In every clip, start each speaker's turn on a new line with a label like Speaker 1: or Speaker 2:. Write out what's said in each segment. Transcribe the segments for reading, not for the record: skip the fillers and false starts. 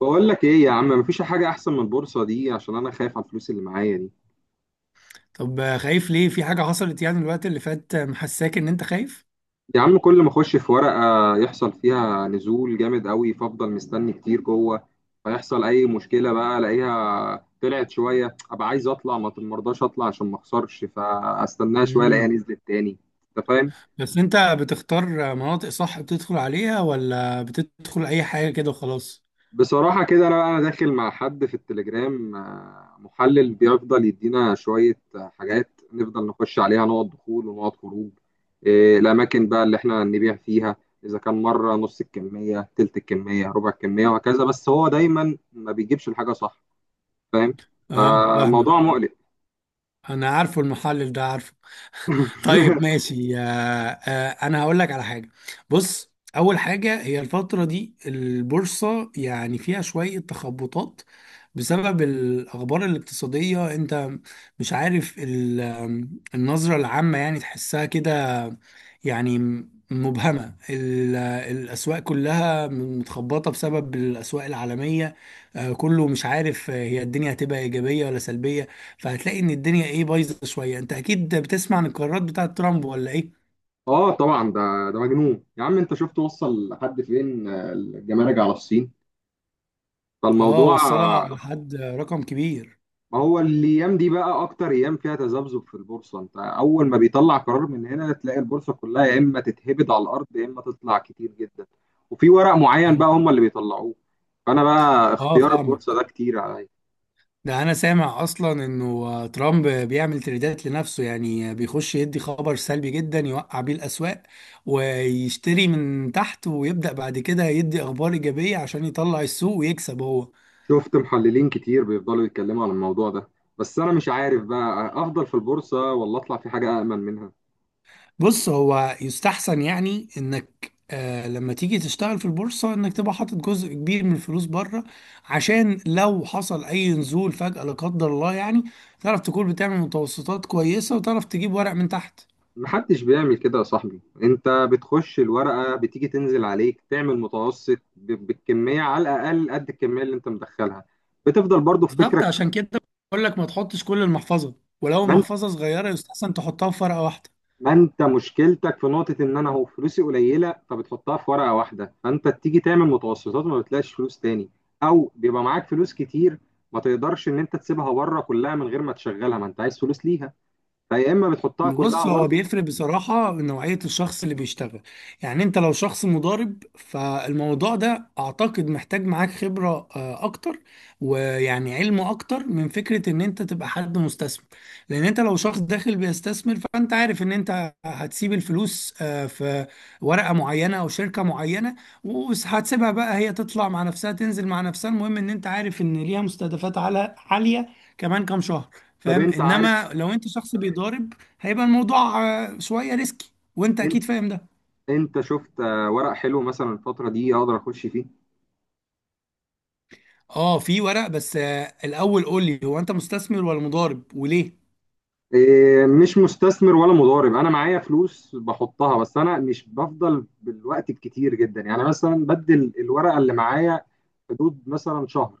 Speaker 1: بقول لك ايه يا عم؟ مفيش حاجة احسن من البورصة دي، عشان انا خايف على الفلوس اللي معايا دي.
Speaker 2: طب آه، خايف ليه؟ في حاجة حصلت يعني الوقت اللي فات؟ محساك ان انت خايف.
Speaker 1: يا عم كل ما اخش في ورقة يحصل فيها نزول جامد قوي، فافضل مستني كتير جوه. فيحصل اي مشكلة بقى الاقيها طلعت شوية، ابقى عايز اطلع، ما مرضاش اطلع عشان ما اخسرش، فاستناها شوية الاقيها
Speaker 2: امم
Speaker 1: نزلت تاني. انت فاهم؟
Speaker 2: بس انت بتختار مناطق صح بتدخل عليها، ولا بتدخل اي حاجة كده وخلاص؟
Speaker 1: بصراحة كده، أنا داخل مع حد في التليجرام، محلل بيفضل يدينا شوية حاجات نفضل نخش عليها، نقط دخول ونقط خروج. الأماكن بقى اللي إحنا نبيع فيها، إذا كان مرة نص الكمية، تلت الكمية، ربع الكمية، وهكذا. بس هو دايما ما بيجيبش الحاجة صح، فاهم.
Speaker 2: اه فاهمك.
Speaker 1: فموضوع مقلق.
Speaker 2: انا عارفه المحلل ده، عارفه. طيب ماشي آه. آه، انا هقول لك على حاجة. بص، اول حاجة هي الفترة دي البورصة يعني فيها شوية تخبطات بسبب الاخبار الاقتصادية. انت مش عارف ال- آم، النظرة العامة يعني، تحسها كده يعني مبهمة. الأسواق كلها متخبطة بسبب الأسواق العالمية. كله مش عارف هي الدنيا هتبقى إيجابية ولا سلبية. فهتلاقي إن الدنيا إيه، بايظة شوية. أنت أكيد بتسمع عن القرارات بتاعة ترامب ولا إيه؟
Speaker 1: آه طبعا، ده مجنون يا عم. أنت شفت وصل لحد فين الجمارك على الصين؟
Speaker 2: آه،
Speaker 1: فالموضوع،
Speaker 2: وصلها لحد رقم كبير.
Speaker 1: ما هو الايام دي بقى اكتر ايام فيها تذبذب في البورصه. انت اول ما بيطلع قرار من هنا تلاقي البورصه كلها يا اما تتهبد على الارض يا اما تطلع كتير جدا، وفي ورق معين
Speaker 2: آه.
Speaker 1: بقى هم اللي بيطلعوه. فانا بقى
Speaker 2: آه
Speaker 1: اختيار البورصه
Speaker 2: فاهمك.
Speaker 1: ده كتير عليا.
Speaker 2: ده انا سامع اصلا انه ترامب بيعمل تريدات لنفسه، يعني بيخش يدي خبر سلبي جدا يوقع بيه الاسواق ويشتري من تحت، ويبدأ بعد كده يدي اخبار ايجابية عشان يطلع السوق ويكسب هو.
Speaker 1: شفت محللين كتير بيفضلوا يتكلموا عن الموضوع ده، بس انا مش عارف بقى افضل في البورصه ولا اطلع في حاجه امن منها.
Speaker 2: بص، هو يستحسن يعني انك آه، لما تيجي تشتغل في البورصة انك تبقى حاطط جزء كبير من الفلوس بره، عشان لو حصل اي نزول فجأة لا قدر الله، يعني تعرف تكون بتعمل متوسطات كويسة وتعرف تجيب ورق من تحت.
Speaker 1: محدش بيعمل كده يا صاحبي، انت بتخش الورقة بتيجي تنزل عليك، تعمل متوسط بالكمية على الأقل قد الكمية اللي انت مدخلها، بتفضل برضو في
Speaker 2: بالظبط،
Speaker 1: فكرك.
Speaker 2: عشان كده بقول لك ما تحطش كل المحفظه، ولو
Speaker 1: ما انت
Speaker 2: المحفظه صغيره يستحسن تحطها في ورقه واحده.
Speaker 1: ما انت مشكلتك في نقطة ان انا هو فلوسي قليلة، فبتحطها في ورقة واحدة، فانت تيجي تعمل متوسطات وما بتلاقيش فلوس تاني. او بيبقى معاك فلوس كتير، ما تقدرش ان انت تسيبها بره كلها من غير ما تشغلها، ما انت عايز فلوس ليها، فيا اما بتحطها
Speaker 2: بص،
Speaker 1: كلها
Speaker 2: هو
Speaker 1: برضو.
Speaker 2: بيفرق بصراحة من نوعية الشخص اللي بيشتغل. يعني انت لو شخص مضارب، فالموضوع ده اعتقد محتاج معاك خبرة اكتر، ويعني علم اكتر من فكرة ان انت تبقى حد مستثمر. لان انت لو شخص داخل بيستثمر، فانت عارف ان انت هتسيب الفلوس في ورقة معينة او شركة معينة، وهتسيبها بقى هي تطلع مع نفسها تنزل مع نفسها، المهم ان انت عارف ان ليها مستهدفات عالية عالية كمان كام شهر.
Speaker 1: طب
Speaker 2: فاهم؟
Speaker 1: انت عارف،
Speaker 2: انما لو انت شخص بيضارب، هيبقى الموضوع شوية ريسكي وانت
Speaker 1: انت
Speaker 2: اكيد فاهم ده.
Speaker 1: انت شفت ورق حلو مثلا الفترة دي اقدر اخش فيه؟
Speaker 2: اه في ورق، بس الاول قول لي هو انت مستثمر ولا مضارب، وليه؟
Speaker 1: إيه، مش مستثمر ولا مضارب. انا معايا فلوس بحطها، بس انا مش بفضل بالوقت الكتير جدا، يعني مثلا بدل الورقه اللي معايا حدود مثلا شهر،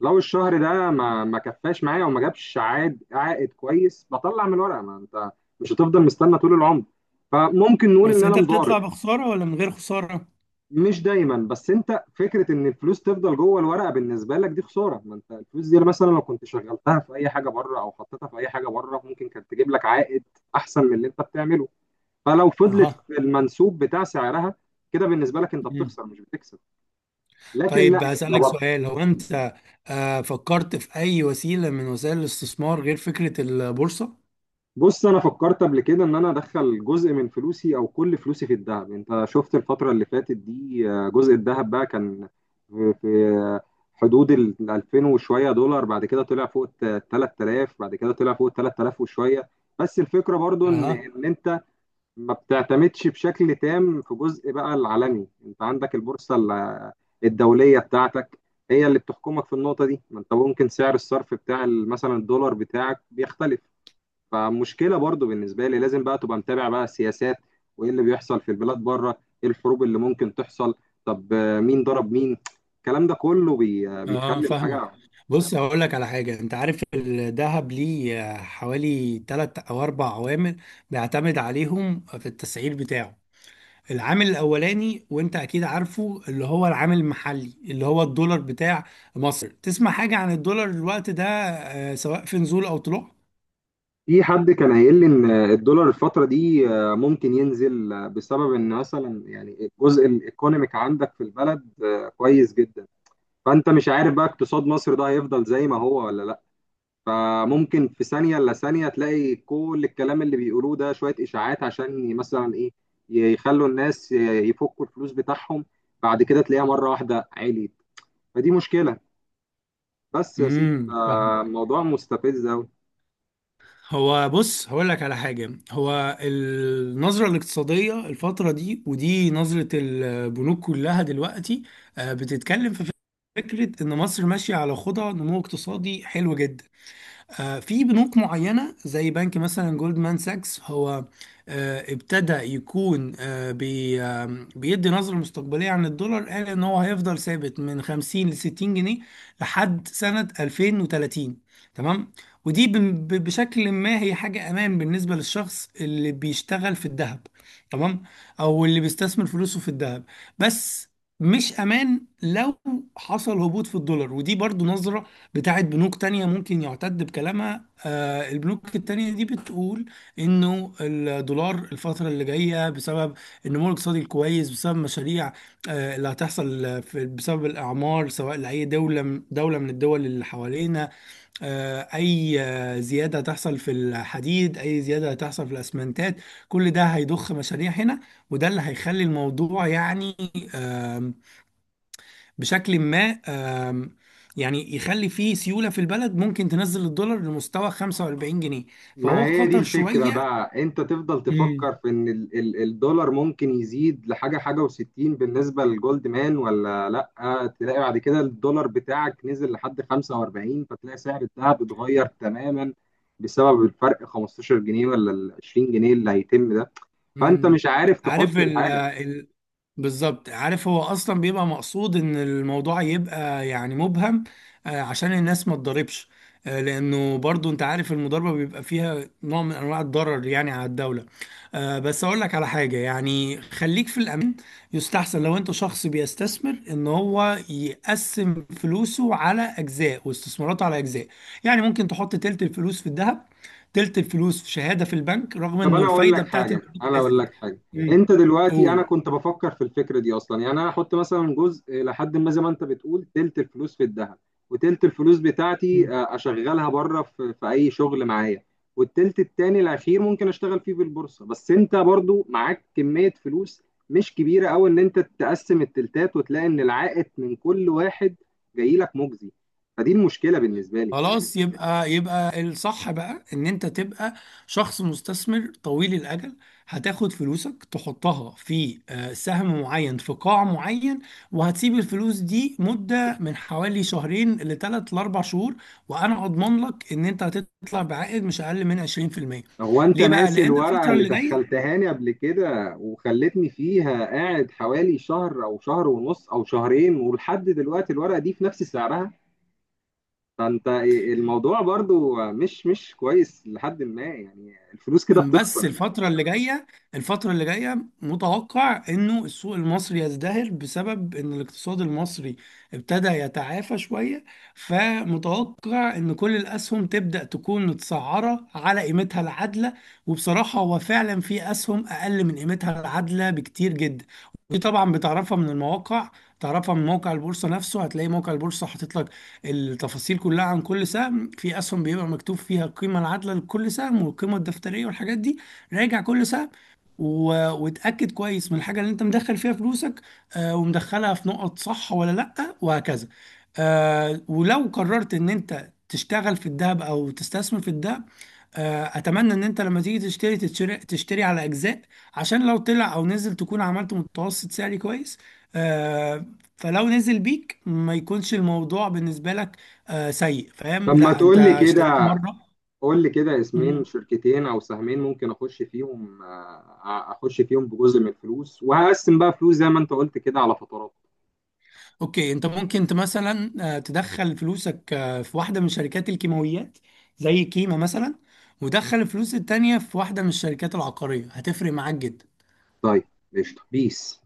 Speaker 1: لو الشهر ده ما كفاش معايا وما جابش عائد كويس، بطلع من الورقه. ما انت مش هتفضل مستنى طول العمر، فممكن نقول ان
Speaker 2: بس
Speaker 1: انا
Speaker 2: انت
Speaker 1: مضارب.
Speaker 2: بتطلع بخسارة ولا من غير خسارة؟
Speaker 1: مش دايما، بس انت فكره ان الفلوس تفضل جوه الورقه بالنسبه لك دي خساره. ما انت الفلوس دي مثلا لو كنت شغلتها في اي حاجه بره، او حطيتها في اي حاجه بره، ممكن كانت تجيب لك عائد احسن من اللي انت بتعمله. فلو فضلت
Speaker 2: اها.
Speaker 1: في المنسوب بتاع سعرها كده، بالنسبه لك انت
Speaker 2: مم.
Speaker 1: بتخسر مش بتكسب. لكن لا.
Speaker 2: طيب هسألك سؤال، هو انت فكرت في اي وسيلة من وسائل الاستثمار غير فكرة البورصة؟
Speaker 1: بص انا فكرت قبل كده ان انا ادخل جزء من فلوسي او كل فلوسي في الذهب. انت شفت الفترة اللي فاتت دي، جزء الذهب بقى كان في حدود ال 2000 وشوية دولار، بعد كده طلع فوق ال 3000، بعد كده طلع فوق ال 3000 وشوية. بس الفكرة برضو ان
Speaker 2: اها.
Speaker 1: ان انت ما بتعتمدش بشكل تام. في جزء بقى العالمي انت عندك البورصة الدولية بتاعتك هي اللي بتحكمك في النقطة دي. ما انت ممكن سعر الصرف بتاع مثلا الدولار بتاعك بيختلف، فمشكله برضو بالنسبه لي لازم بقى تبقى متابع بقى السياسات وايه اللي بيحصل في البلاد بره، ايه الحروب اللي ممكن تحصل، طب مين ضرب مين. الكلام ده كله بي آه،
Speaker 2: اه
Speaker 1: بيخلي
Speaker 2: فاهمك.
Speaker 1: الحاجه.
Speaker 2: بص هقول لك على حاجه، انت عارف الذهب ليه حوالي تلات او اربع عوامل بيعتمد عليهم في التسعير بتاعه. العامل الاولاني وانت اكيد عارفه، اللي هو العامل المحلي، اللي هو الدولار بتاع مصر. تسمع حاجه عن الدولار الوقت ده سواء في نزول او طلوع؟
Speaker 1: في حد كان قايل لي ان الدولار الفتره دي ممكن ينزل، بسبب ان مثلا يعني الجزء الايكونوميك عندك في البلد كويس جدا، فانت مش عارف بقى اقتصاد مصر ده هيفضل زي ما هو ولا لا. فممكن في ثانية إلا ثانية تلاقي كل الكلام اللي بيقولوه ده شوية إشاعات، عشان مثلا إيه، يخلوا الناس يفكوا الفلوس بتاعهم. بعد كده تلاقيها مرة واحدة عليت، فدي مشكلة، بس يا سيدي
Speaker 2: امم
Speaker 1: فالموضوع مستفز أوي.
Speaker 2: هو بص هقول لك على حاجة، هو النظرة الاقتصادية الفترة دي ودي نظرة البنوك كلها دلوقتي، بتتكلم في فكرة إن مصر ماشية على خطى نمو اقتصادي حلو جدا. في بنوك معينة زي بنك مثلا جولدمان ساكس، هو ابتدى يكون آه، بي آه، بيدي نظرة مستقبلية عن الدولار. قال ان هو هيفضل ثابت من 50 ل 60 جنيه لحد سنة 2030. تمام؟ ودي بشكل ما هي حاجة امان بالنسبة للشخص اللي بيشتغل في الذهب، تمام؟ او اللي بيستثمر فلوسه في الذهب. بس مش امان لو حصل هبوط في الدولار، ودي برضو نظرة بتاعت بنوك تانية ممكن يعتد بكلامها. البنوك التانية دي بتقول انه الدولار الفترة اللي جاية بسبب النمو الاقتصادي الكويس، بسبب مشاريع اللي هتحصل بسبب الأعمار سواء لأي دولة من الدول اللي حوالينا، آه، أي آه، زيادة هتحصل في الحديد، أي زيادة هتحصل في الأسمنتات، كل ده هيضخ مشاريع هنا. وده اللي هيخلي الموضوع يعني بشكل ما يعني يخلي فيه سيولة في البلد، ممكن تنزل الدولار لمستوى 45 جنيه.
Speaker 1: ما
Speaker 2: فهو
Speaker 1: هي دي
Speaker 2: خطر
Speaker 1: الفكرة
Speaker 2: شوية.
Speaker 1: بقى، انت تفضل تفكر في ان ال الدولار ممكن يزيد لحاجة وستين بالنسبة للجولد مان، ولا لأ تلاقي بعد كده الدولار بتاعك نزل لحد 45، فتلاقي سعر الذهب اتغير تماما بسبب الفرق 15 جنيه ولا ال 20 جنيه اللي هيتم ده، فانت
Speaker 2: مم.
Speaker 1: مش عارف
Speaker 2: عارف
Speaker 1: تحط
Speaker 2: ال
Speaker 1: الحاجة.
Speaker 2: ال بالظبط، عارف هو اصلا بيبقى مقصود ان الموضوع يبقى يعني مبهم، عشان الناس ما تضربش. لانه برضو انت عارف المضاربه بيبقى فيها نوع من انواع الضرر يعني على الدوله. بس اقول لك على حاجه، يعني خليك في الامان. يستحسن لو انت شخص بيستثمر ان هو يقسم فلوسه على اجزاء واستثماراته على اجزاء. يعني ممكن تحط تلت الفلوس في الذهب، تلت الفلوس في شهاده في البنك رغم
Speaker 1: طب
Speaker 2: انه
Speaker 1: انا اقول
Speaker 2: الفايده
Speaker 1: لك
Speaker 2: بتاعت
Speaker 1: حاجه انا اقول لك
Speaker 2: نزلت.
Speaker 1: حاجه
Speaker 2: مم.
Speaker 1: انت دلوقتي، انا
Speaker 2: قول.
Speaker 1: كنت بفكر في الفكره دي اصلا، يعني انا هحط مثلا جزء لحد ما زي ما انت بتقول تلت الفلوس في الذهب، وتلت الفلوس بتاعتي
Speaker 2: مم.
Speaker 1: اشغلها بره في اي شغل معايا، والتلت التاني الاخير ممكن اشتغل فيه في البورصه. بس انت برضو معاك كميه فلوس مش كبيره قوي ان انت تقسم التلتات وتلاقي ان العائد من كل واحد جاي لك مجزي، فدي المشكله بالنسبه لي.
Speaker 2: خلاص، يبقى يبقى الصح بقى ان انت تبقى شخص مستثمر طويل الاجل. هتاخد فلوسك تحطها في سهم معين في قاع معين، وهتسيب الفلوس دي مدة من حوالي شهرين لثلاث لاربع شهور، وانا اضمن لك ان انت هتطلع بعائد مش اقل من 20%.
Speaker 1: هو انت
Speaker 2: ليه بقى؟
Speaker 1: ناسي
Speaker 2: لان
Speaker 1: الورقة
Speaker 2: الفترة
Speaker 1: اللي
Speaker 2: اللي جاية،
Speaker 1: دخلتهاني قبل كده وخلتني فيها قاعد حوالي شهر او شهر ونص او شهرين، ولحد دلوقتي الورقة دي في نفس سعرها. فانت، الموضوع برضو مش كويس، لحد ما يعني الفلوس كده
Speaker 2: بس
Speaker 1: بتخسر.
Speaker 2: الفترة اللي جاية، الفترة اللي جاية متوقع انه السوق المصري يزدهر بسبب ان الاقتصاد المصري ابتدى يتعافى شوية. فمتوقع ان كل الاسهم تبدأ تكون متسعرة على قيمتها العادلة. وبصراحة هو فعلا في اسهم اقل من قيمتها العادلة بكتير جدا، ودي طبعا بتعرفها من المواقع. تعرفها من موقع البورصة نفسه، هتلاقي موقع البورصة حاطط لك التفاصيل كلها عن كل سهم. في اسهم بيبقى مكتوب فيها القيمه العادله لكل سهم والقيمه الدفتريه والحاجات دي. راجع كل سهم وتأكد كويس من الحاجة اللي انت مدخل فيها فلوسك، آه، ومدخلها في نقط صح ولا لأ، وهكذا. آه، ولو قررت ان انت تشتغل في الذهب او تستثمر في الذهب، آه اتمنى ان انت لما تيجي تشتري تشتري على اجزاء، عشان لو طلع او نزل تكون عملت متوسط سعري كويس. آه، فلو نزل بيك ما يكونش الموضوع بالنسبة لك سيء، فاهم؟
Speaker 1: لما
Speaker 2: لا انت
Speaker 1: تقول لي
Speaker 2: اشتريت
Speaker 1: كده،
Speaker 2: مرة.
Speaker 1: قول لي كده اسمين
Speaker 2: مم.
Speaker 1: شركتين او سهمين ممكن اخش فيهم اخش فيهم بجزء من الفلوس وهقسم بقى فلوس زي ما انت قلت كده على فترات.
Speaker 2: اوكي، انت ممكن انت مثلا تدخل فلوسك في واحدة من شركات الكيماويات زي كيما مثلا، ودخل الفلوس التانية في واحدة من الشركات العقارية، هتفرق معاك جدا.
Speaker 1: طيب قشطة بيس.